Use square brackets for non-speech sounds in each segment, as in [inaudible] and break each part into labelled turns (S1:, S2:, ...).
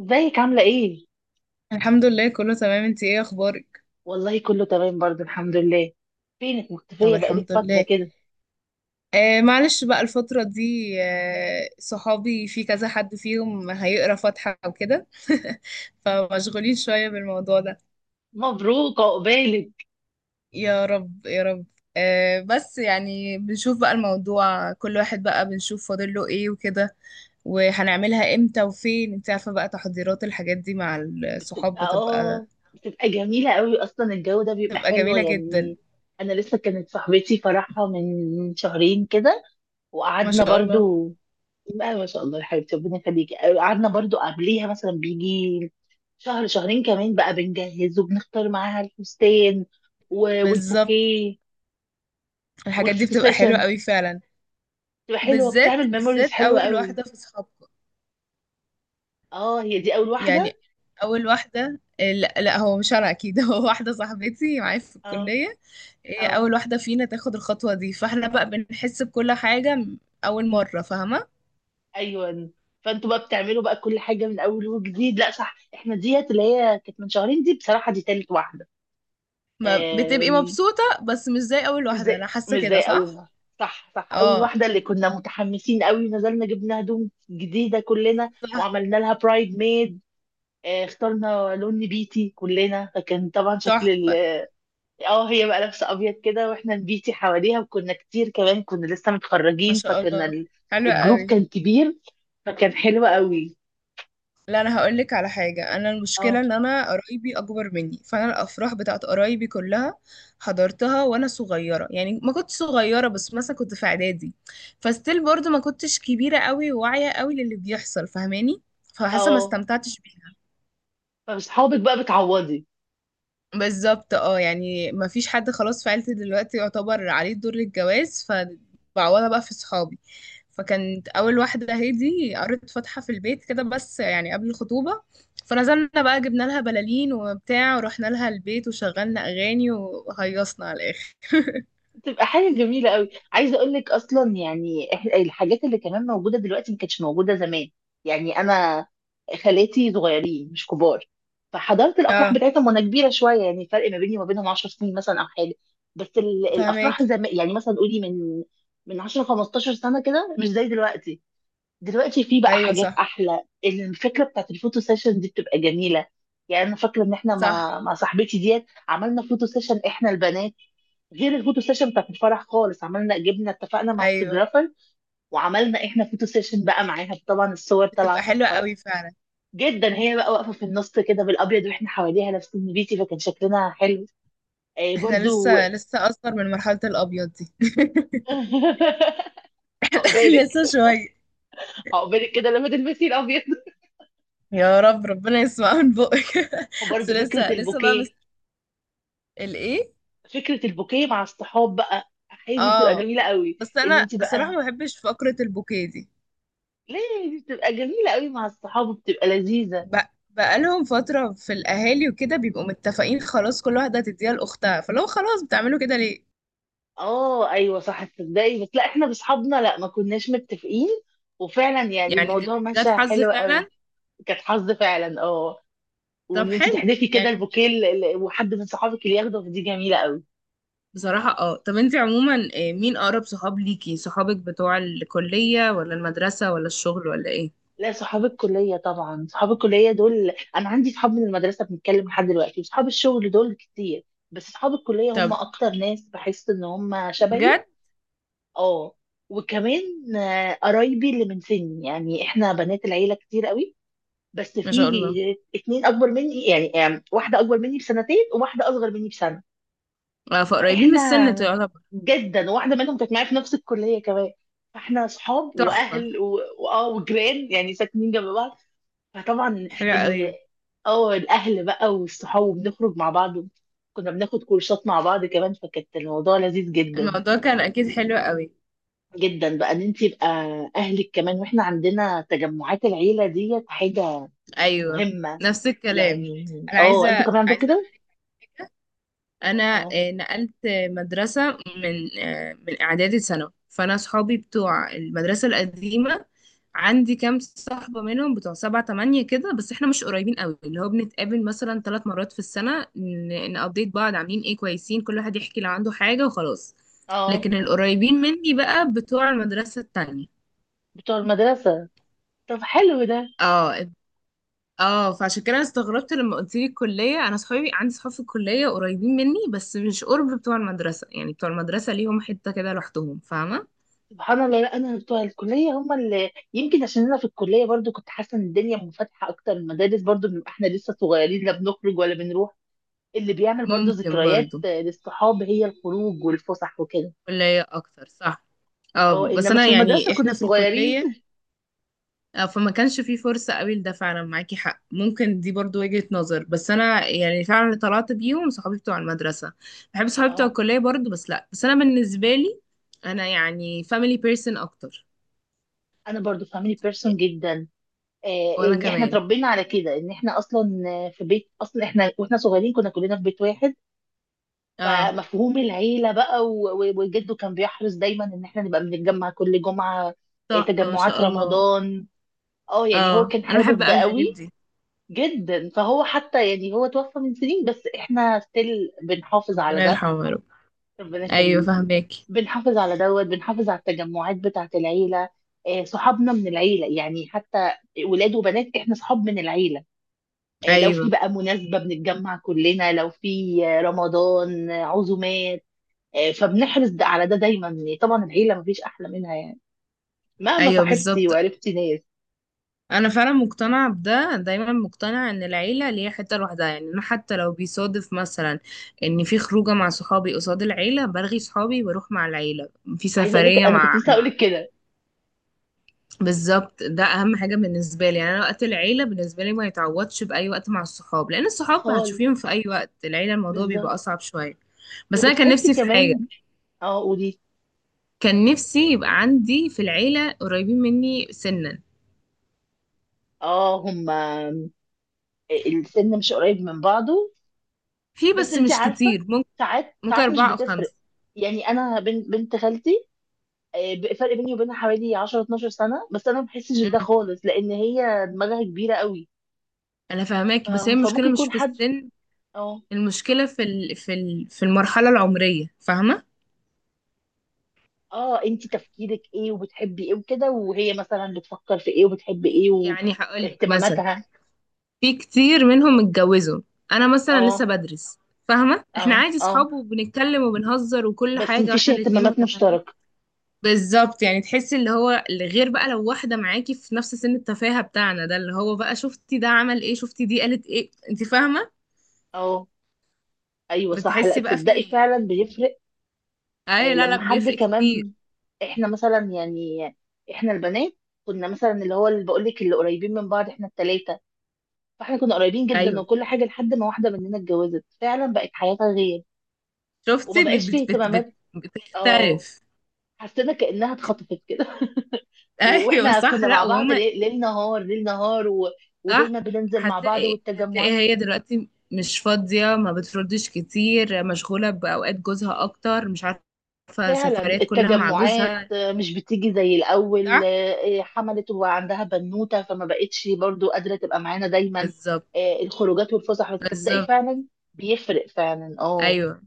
S1: ازيك عاملة ايه؟
S2: الحمد لله، كله تمام. انتي ايه اخبارك؟
S1: والله كله تمام برضه الحمد لله. فينك
S2: طب،
S1: مختفية بقالك
S2: الحمد
S1: فترة
S2: لله.
S1: كده؟
S2: آه، معلش بقى الفترة دي. آه، صحابي في كذا حد فيهم هيقرا فاتحة وكده. [laughs] فمشغولين شوية بالموضوع ده.
S1: مبروك عقبالك.
S2: يا رب يا رب. آه، بس يعني بنشوف بقى الموضوع، كل واحد بقى بنشوف فاضل له ايه وكده. وهنعملها امتى وفين، انت عارفة بقى، تحضيرات الحاجات دي مع الصحاب
S1: بتبقى
S2: بتبقى.
S1: بتبقى جميلة قوي اصلا، الجو ده بيبقى
S2: بتبقى
S1: حلو
S2: جميلة جدا.
S1: يعني. انا لسه كانت صاحبتي فرحها من شهرين كده
S2: ما
S1: وقعدنا
S2: شاء الله.
S1: برضه. لا ما شاء الله يا حبيبتي، ربنا يخليكي. قعدنا برضه قبليها مثلا بيجي شهر شهرين كمان بقى، بنجهز وبنختار معاها الفستان
S2: بالظبط.
S1: والبوكيه
S2: الحاجات دي
S1: والفوتو
S2: بتبقى حلوة
S1: سيشن،
S2: قوي فعلا.
S1: بتبقى حلوه،
S2: بالذات،
S1: بتعمل ميموريز
S2: بالذات
S1: حلوه
S2: اول
S1: قوي.
S2: واحده في صحابكم.
S1: اه هي دي اول واحده.
S2: يعني اول واحده. لا لا، هو مش انا اكيد. [laughs] هو واحده صاحبتي معايا في
S1: اه.
S2: الكليه. هي
S1: اه
S2: اول واحده فينا تاخد الخطوه دي، فاحنا بقى بنحس بكل حاجه اول مره فاهمه.
S1: ايوه، فانتوا بقى بتعملوا بقى كل حاجه من اول وجديد. لا صح، احنا ديت اللي هي كانت من شهرين دي بصراحه دي تالت واحده.
S2: ما بتبقي
S1: آم،
S2: مبسوطه بس مش زي اول
S1: مش
S2: واحده،
S1: زي
S2: انا حاسه
S1: مش زي
S2: كده،
S1: اول
S2: صح؟
S1: واحده. صح صح، اول
S2: اه،
S1: واحده اللي كنا متحمسين قوي، نزلنا جبنا هدوم جديده كلنا
S2: صح.
S1: وعملنا لها برايد ميد. اخترنا لون نبيتي كلنا، فكان طبعا شكل.
S2: تحفه.
S1: اه هي بقى لابسه ابيض كده واحنا نبيتي حواليها، وكنا كتير كمان، كنا لسه
S2: ما
S1: متخرجين
S2: شاء
S1: فكنا
S2: الله، حلوه
S1: الجروب
S2: قوي.
S1: كان كبير فكان حلو قوي.
S2: لا، انا هقول لك على حاجه. انا
S1: اه
S2: المشكله ان انا قرايبي اكبر مني، فانا الافراح بتاعت قرايبي كلها حضرتها وانا صغيره، يعني ما كنت صغيره بس مثلا كنت في اعدادي. فستيل برضو ما كنتش كبيره قوي وواعيه قوي للي بيحصل، فاهماني؟ فحاسه ما
S1: اه،
S2: استمتعتش بيها.
S1: فاصحابك بقى بتعوضي.
S2: بالظبط، اه، يعني ما فيش حد خلاص في عيلتي دلوقتي يعتبر عليه دور الجواز، فبعوضها بقى في صحابي. فكانت اول واحده هادي قريت فاتحه في البيت كده، بس يعني قبل الخطوبه. فنزلنا بقى جبنا لها بلالين وبتاع، ورحنا لها البيت، وشغلنا اغاني، وهيصنا على الاخر.
S1: بتبقى حاجة جميلة قوي. عايزة اقول لك اصلا يعني الحاجات اللي كمان موجودة دلوقتي ما كانتش موجودة زمان. يعني انا خالاتي صغيرين مش كبار، فحضرت الافراح
S2: اه،
S1: بتاعتهم وانا كبيرة شوية، يعني فرق ما بيني وما بينهم 10 سنين مثلا او حاجة. بس الافراح
S2: فهماكي.
S1: زمان، يعني مثلا قولي من 10 15 سنة كده، مش زي دلوقتي. دلوقتي في بقى
S2: ايوه،
S1: حاجات
S2: صح،
S1: احلى. الفكره بتاعت الفوتو سيشن دي بتبقى جميله. يعني انا فاكره ان احنا
S2: صح.
S1: مع صاحبتي ديت عملنا فوتو سيشن احنا البنات، غير الفوتو سيشن بتاعت الفرح خالص. عملنا جبنا اتفقنا مع
S2: ايوه،
S1: فوتوغرافر وعملنا احنا فوتو سيشن بقى
S2: صح.
S1: معاها، طبعا الصور طالعه
S2: بتبقى حلوه
S1: تحفه
S2: قوي فعلا.
S1: جدا. هي بقى واقفه في النص كده بالابيض واحنا حواليها لابسين بيتي، فكان شكلنا حلو. آه
S2: احنا
S1: برضو.
S2: لسه لسه اصغر من مرحله الابيض دي.
S1: [laughs]
S2: [laughs]
S1: عقبالك،
S2: لسه شويه.
S1: عقبالك كده لما تلبسي الابيض.
S2: يا رب، ربنا يسمع من بقك. [laughs] بس
S1: وبرضو فكره
S2: لسه لسه بقى
S1: البوكيه،
S2: الايه
S1: فكره البوكيه مع الصحاب بقى، هي دي بتبقى
S2: اه،
S1: جميله قوي
S2: بس
S1: ان
S2: انا
S1: انت
S2: الصراحه
S1: بقى.
S2: ما بحبش فقره البوكيه دي.
S1: ليه؟ دي بتبقى جميله قوي مع الصحاب وبتبقى لذيذه.
S2: ب- بقالهم فتره في الاهالي وكده، بيبقوا متفقين خلاص، كل واحده هتديها لاختها، فلو خلاص بتعملوا كده ليه؟
S1: اه ايوه صح، تصدقي بس لا احنا باصحابنا لا ما كناش متفقين، وفعلا يعني
S2: يعني
S1: الموضوع ماشي
S2: جت حظ
S1: حلو قوي.
S2: فعلا.
S1: كانت حظ فعلا اه.
S2: طب،
S1: وان انت
S2: حلو
S1: تحذفي كده
S2: يعني.
S1: البوكيه وحد من صحابك اللي ياخده، دي جميله قوي.
S2: بصراحه اه. طب انت عموما، مين اقرب صحاب ليكي، صحابك بتوع الكليه ولا المدرسه ولا الشغل ولا ايه؟
S1: لا صحاب الكلية طبعا، صحاب الكلية دول. أنا عندي صحاب من المدرسة بنتكلم لحد دلوقتي، وصحاب الشغل دول كتير، بس صحاب الكلية هم
S2: طب
S1: أكتر ناس بحس إن هم شبهي.
S2: بجد؟
S1: اه وكمان قرايبي اللي من سني. يعني إحنا بنات العيلة كتير قوي، بس
S2: ما
S1: في
S2: شاء الله.
S1: اتنين أكبر مني، يعني واحدة أكبر مني بسنتين وواحدة أصغر مني بسنة.
S2: فقريبين من السن
S1: فإحنا
S2: تعتبر.
S1: جدا، واحدة منهم كانت معايا في نفس الكلية كمان، فإحنا صحاب
S2: تحفه.
S1: وأهل وآه وجيران، يعني ساكنين جنب بعض. فطبعا
S2: حلو قوي.
S1: ان اه الاهل بقى والصحاب، وبنخرج مع بعض، كنا بناخد كورسات مع بعض كمان، فكانت الموضوع لذيذ جدا
S2: الموضوع كان اكيد حلو قوي.
S1: جدا. بقى ان انت يبقى اهلك كمان. واحنا عندنا تجمعات العيله ديت حاجه
S2: ايوه.
S1: مهمه
S2: نفس الكلام.
S1: يعني.
S2: انا
S1: اه انتوا كمان عندكم
S2: عايزه اقول
S1: كده.
S2: لك. انا
S1: اه
S2: نقلت مدرسه من اعدادي ثانوي، فانا صحابي بتوع المدرسه القديمه عندي كام صاحبه منهم، بتوع سبعة تمانية كده، بس احنا مش قريبين قوي، اللي هو بنتقابل مثلا 3 مرات في السنه، نابديت بعض عاملين ايه كويسين، كل واحد يحكي لو عنده حاجه وخلاص.
S1: اه
S2: لكن القريبين مني بقى بتوع المدرسه التانية.
S1: بتوع المدرسه. طب حلو ده.
S2: اه، اه. فعشان كده انا استغربت لما قلت لي الكليه، انا صحابي عندي صحاب في الكليه قريبين مني بس مش قرب بتوع المدرسه، يعني بتوع المدرسه ليهم حته كده لوحدهم، فاهمه؟
S1: سبحان الله، لا انا بتوع الكليه هم اللي يمكن عشان انا في الكليه برضو كنت حاسه ان الدنيا منفتحه اكتر. المدارس برضو بنبقى احنا لسه صغيرين، لا بنخرج ولا بنروح. اللي بيعمل برضو
S2: ممكن
S1: ذكريات
S2: برضو،
S1: للصحاب هي الخروج والفسح وكده.
S2: كليه اكتر، صح. اه،
S1: اه
S2: بس
S1: انما
S2: انا
S1: في
S2: يعني
S1: المدرسه
S2: احنا
S1: كنا
S2: في
S1: صغيرين.
S2: الكليه، فما كانش في فرصه قوي لده، فعلا معاكي حق، ممكن دي برضو وجهه نظر، بس انا يعني فعلا اللي طلعت بيهم صحابي بتوع المدرسه. بحب صحابي بتوع
S1: اه
S2: الكليه برضو، بس لا، بس انا بالنسبه لي انا يعني family person اكتر.
S1: انا برضو فاميلي بيرسون جدا. آه
S2: وانا
S1: يعني احنا
S2: كمان.
S1: اتربينا على كده، ان احنا اصلا في بيت. اصلا احنا واحنا صغيرين كنا كلنا في بيت واحد،
S2: اه،
S1: فمفهوم العيله بقى وجده كان بيحرص دايما ان احنا نبقى بنتجمع كل جمعه.
S2: تحفة، ما
S1: تجمعات
S2: شاء الله.
S1: رمضان. اه يعني هو
S2: اه،
S1: كان
S2: انا بحب
S1: حابب ده
S2: اوي الحاجات
S1: قوي
S2: دي.
S1: جدا، فهو حتى يعني هو توفى من سنين بس احنا ستيل بنحافظ على
S2: ربنا
S1: ده.
S2: يرحمه يا رب.
S1: ربنا
S2: ايوه،
S1: يخليكي.
S2: فاهمك.
S1: بنحافظ على دوت، بنحافظ على التجمعات بتاعة العيلة. صحابنا من العيلة، يعني حتى ولاد وبنات احنا صحاب من العيلة. لو في
S2: ايوه.
S1: بقى مناسبة بنتجمع كلنا، لو في رمضان عزومات. فبنحرص على ده دايما، يعني طبعا العيلة مفيش أحلى منها يعني، مهما
S2: ايوه،
S1: صاحبتي
S2: بالظبط.
S1: وعرفتي ناس.
S2: انا فعلا مقتنعه بده، دايما مقتنعه ان العيله ليها حته لوحدها، يعني انا حتى لو بيصادف مثلا ان في خروجه مع صحابي قصاد العيله، برغي صحابي واروح مع العيله. في
S1: عايزة أقول لك
S2: سفريه
S1: أنا كنت
S2: مع
S1: لسه أقول لك كده
S2: بالظبط ده اهم حاجه بالنسبه لي، يعني انا وقت العيله بالنسبه لي ما يتعوضش باي وقت مع الصحاب، لان الصحاب
S1: خالص،
S2: هتشوفيهم في اي وقت، العيله الموضوع بيبقى
S1: بالظبط.
S2: اصعب شويه. بس انا كان
S1: وبتحسي
S2: نفسي في حاجه.
S1: كمان. اه قولي.
S2: كان نفسي يبقى عندي في العيلة قريبين مني سنا.
S1: اه هما السن مش قريب من بعضه.
S2: في،
S1: بس
S2: بس
S1: انت
S2: مش
S1: عارفه،
S2: كتير، ممكن.
S1: ساعات
S2: ممكن
S1: ساعات مش
S2: أربعة أو
S1: بتفرق.
S2: خمسة.
S1: يعني انا بنت بنت خالتي فرق بيني وبينها حوالي 10 12 سنه، بس انا ما بحسش بده
S2: أمم،
S1: خالص لان هي دماغها كبيره قوي.
S2: أنا
S1: ف-
S2: فاهماكي، بس هي المشكلة
S1: فممكن
S2: مش
S1: يكون
S2: في
S1: حد.
S2: السن.
S1: اه
S2: المشكلة في المرحلة العمرية، فاهمة؟
S1: اه انت تفكيرك ايه وبتحبي ايه وكده، وهي مثلا بتفكر في ايه وبتحب ايه
S2: يعني هقولك مثلا
S1: واهتماماتها.
S2: في كتير منهم اتجوزوا. أنا مثلا لسه
S1: اه
S2: بدرس. فاهمة، احنا
S1: اه
S2: عادي
S1: اه
S2: صحاب وبنتكلم وبنهزر وكل
S1: بس
S2: حاجة،
S1: مفيش
S2: واحنا الاتنين
S1: اهتمامات
S2: متفاهمين.
S1: مشتركه.
S2: بالظبط، يعني تحسي اللي هو اللي غير بقى، لو واحدة معاكي في نفس سن التفاهة بتاعنا ده، اللي هو بقى شفتي ده عمل ايه، شفتي دي قالت ايه، انت فاهمة؟
S1: اه ايوه صح، لا
S2: بتحسي بقى
S1: تصدقي
S2: في
S1: فعلا بيفرق.
S2: اي، لا لا،
S1: لما حد
S2: بيفرق كتير.
S1: كمان، احنا مثلا يعني احنا البنات كنا مثلا اللي هو اللي بقول لك، اللي قريبين من بعض احنا التلاتة، فاحنا كنا قريبين جدا
S2: ايوه
S1: وكل حاجة، لحد ما واحدة مننا اتجوزت فعلا بقت حياتها غير وما
S2: شفتي بت
S1: بقاش فيه
S2: بت بت بت
S1: اهتمامات. اه
S2: بتختلف.
S1: حسينا كأنها اتخطفت كده. [laughs]
S2: [laughs] ايوه
S1: واحنا
S2: صح،
S1: كنا
S2: لا
S1: مع بعض
S2: وهم.
S1: ليل ليل نهار ليل نهار و...
S2: صح.
S1: ودايما بننزل مع بعض
S2: هتلاقي، هتلاقي
S1: والتجمعات.
S2: هي دلوقتي مش فاضية، ما بتردش كتير، مشغولة بأوقات جوزها أكتر، مش عارفة،
S1: فعلا
S2: سفريات كلها مع
S1: التجمعات
S2: جوزها.
S1: مش بتيجي زي الأول.
S2: صح.
S1: حملت وعندها بنوتة فما بقتش برضو قادرة تبقى معانا دايما.
S2: بالظبط.
S1: الخروجات والفسح، بتصدقي
S2: بالظبط.
S1: فعلا بيفرق فعلا اه،
S2: ايوه.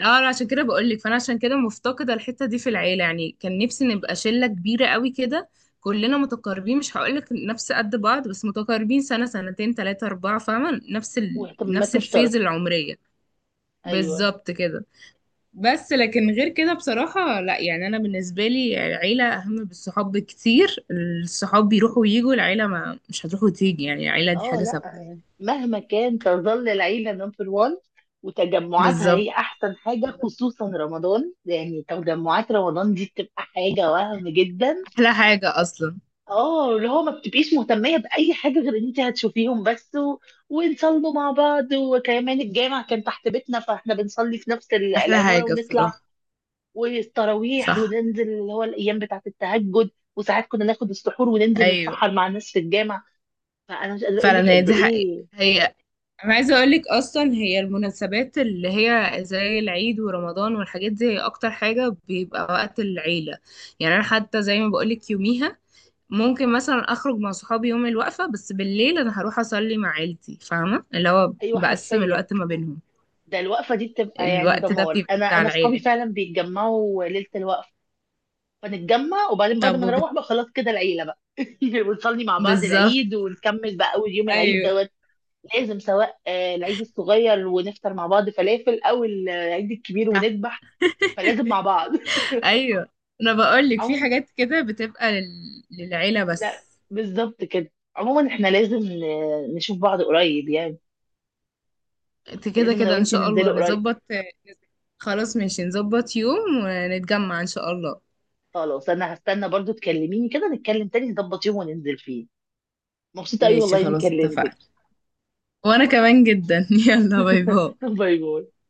S2: اه، أنا عشان كده بقولك، فانا عشان كده مفتقده الحته دي في العيله، يعني كان نفسي نبقى شله كبيره قوي كده. كلنا متقاربين، مش هقولك نفس قد بعض، بس متقاربين سنه سنتين تلاتة اربعة، فاهمه،
S1: واهتمامات
S2: نفس
S1: مشتركة.
S2: الفيز العمريه.
S1: أيوه.
S2: بالظبط كده. بس لكن غير كده بصراحه لا، يعني انا بالنسبه لي العيله اهم بالصحاب بكتير. الصحاب بيروحوا ويجوا، العيله ما مش هتروح وتيجي، يعني العيله دي
S1: اه
S2: حاجه
S1: لا
S2: ثابته.
S1: يعني مهما كان تظل العيلة نمبر وان، وتجمعاتها
S2: بالظبط.
S1: هي أحسن حاجة، خصوصا رمضان. يعني تجمعات رمضان دي بتبقى حاجة وهم جدا.
S2: احلى حاجه اصلا.
S1: اه اللي هو ما بتبقيش مهتمية بأي حاجة غير ان انت هتشوفيهم بس، و... ونصلوا مع بعض، وكمان الجامع كان تحت بيتنا فاحنا بنصلي في نفس
S2: احلى
S1: العمارة
S2: حاجه
S1: ونطلع،
S2: بصراحه.
S1: والتراويح
S2: صح.
S1: وننزل اللي هو الأيام بتاعة التهجد. وساعات كنا ناخد السحور وننزل
S2: ايوه،
S1: نتسحر مع الناس في الجامع. فأنا مش قادرة أقول
S2: فعلا
S1: لك
S2: هي
S1: قد
S2: دي حقيقة،
S1: إيه.
S2: هي انا عايزة اقول لك اصلا، هي المناسبات اللي هي زي العيد ورمضان والحاجات دي هي اكتر حاجة بيبقى وقت العيلة. يعني انا حتى زي ما بقول لك، يوميها ممكن مثلا اخرج مع صحابي يوم الوقفة، بس بالليل انا هروح اصلي مع عيلتي، فاهمة، اللي هو
S1: أيوه
S2: بقسم
S1: حرفيا،
S2: الوقت ما بينهم.
S1: ده الوقفة دي بتبقى يعني
S2: الوقت ده
S1: دمار.
S2: بيبقى بتاع
S1: أنا أصحابي
S2: العيلة.
S1: فعلا بيتجمعوا ليلة الوقفة، فنتجمع، وبعدين بعد
S2: طب
S1: ما نروح بقى خلاص كده العيله بقى، [laughs] ونصلي مع بعض
S2: بالظبط
S1: العيد، ونكمل بقى اول يوم العيد
S2: ايوه.
S1: دوت. لازم سواء العيد الصغير ونفطر مع بعض فلافل، او العيد الكبير
S2: صح.
S1: ونذبح، فلازم مع
S2: [laughs]
S1: بعض. [laughs]
S2: ايوه. انا بقول لك في
S1: عموما
S2: حاجات كده بتبقى للعيلة
S1: لا،
S2: بس.
S1: بالظبط كده. عموما احنا لازم نشوف بعض قريب يعني.
S2: انت كده
S1: لازم انا
S2: كده ان
S1: وانتي
S2: شاء الله
S1: ننزلوا قريب.
S2: نظبط. خلاص، ماشي، نظبط يوم ونتجمع ان شاء الله.
S1: خلاص انا هستنى برضو تكلميني كده، نتكلم تاني نظبط يوم وننزل فيه. مبسوطة قوي
S2: ماشي
S1: والله اني
S2: خلاص،
S1: كلمتك.
S2: اتفقنا. وانا كمان جدا. [laughs] يلا، باي باي.
S1: [laughs] باي باي.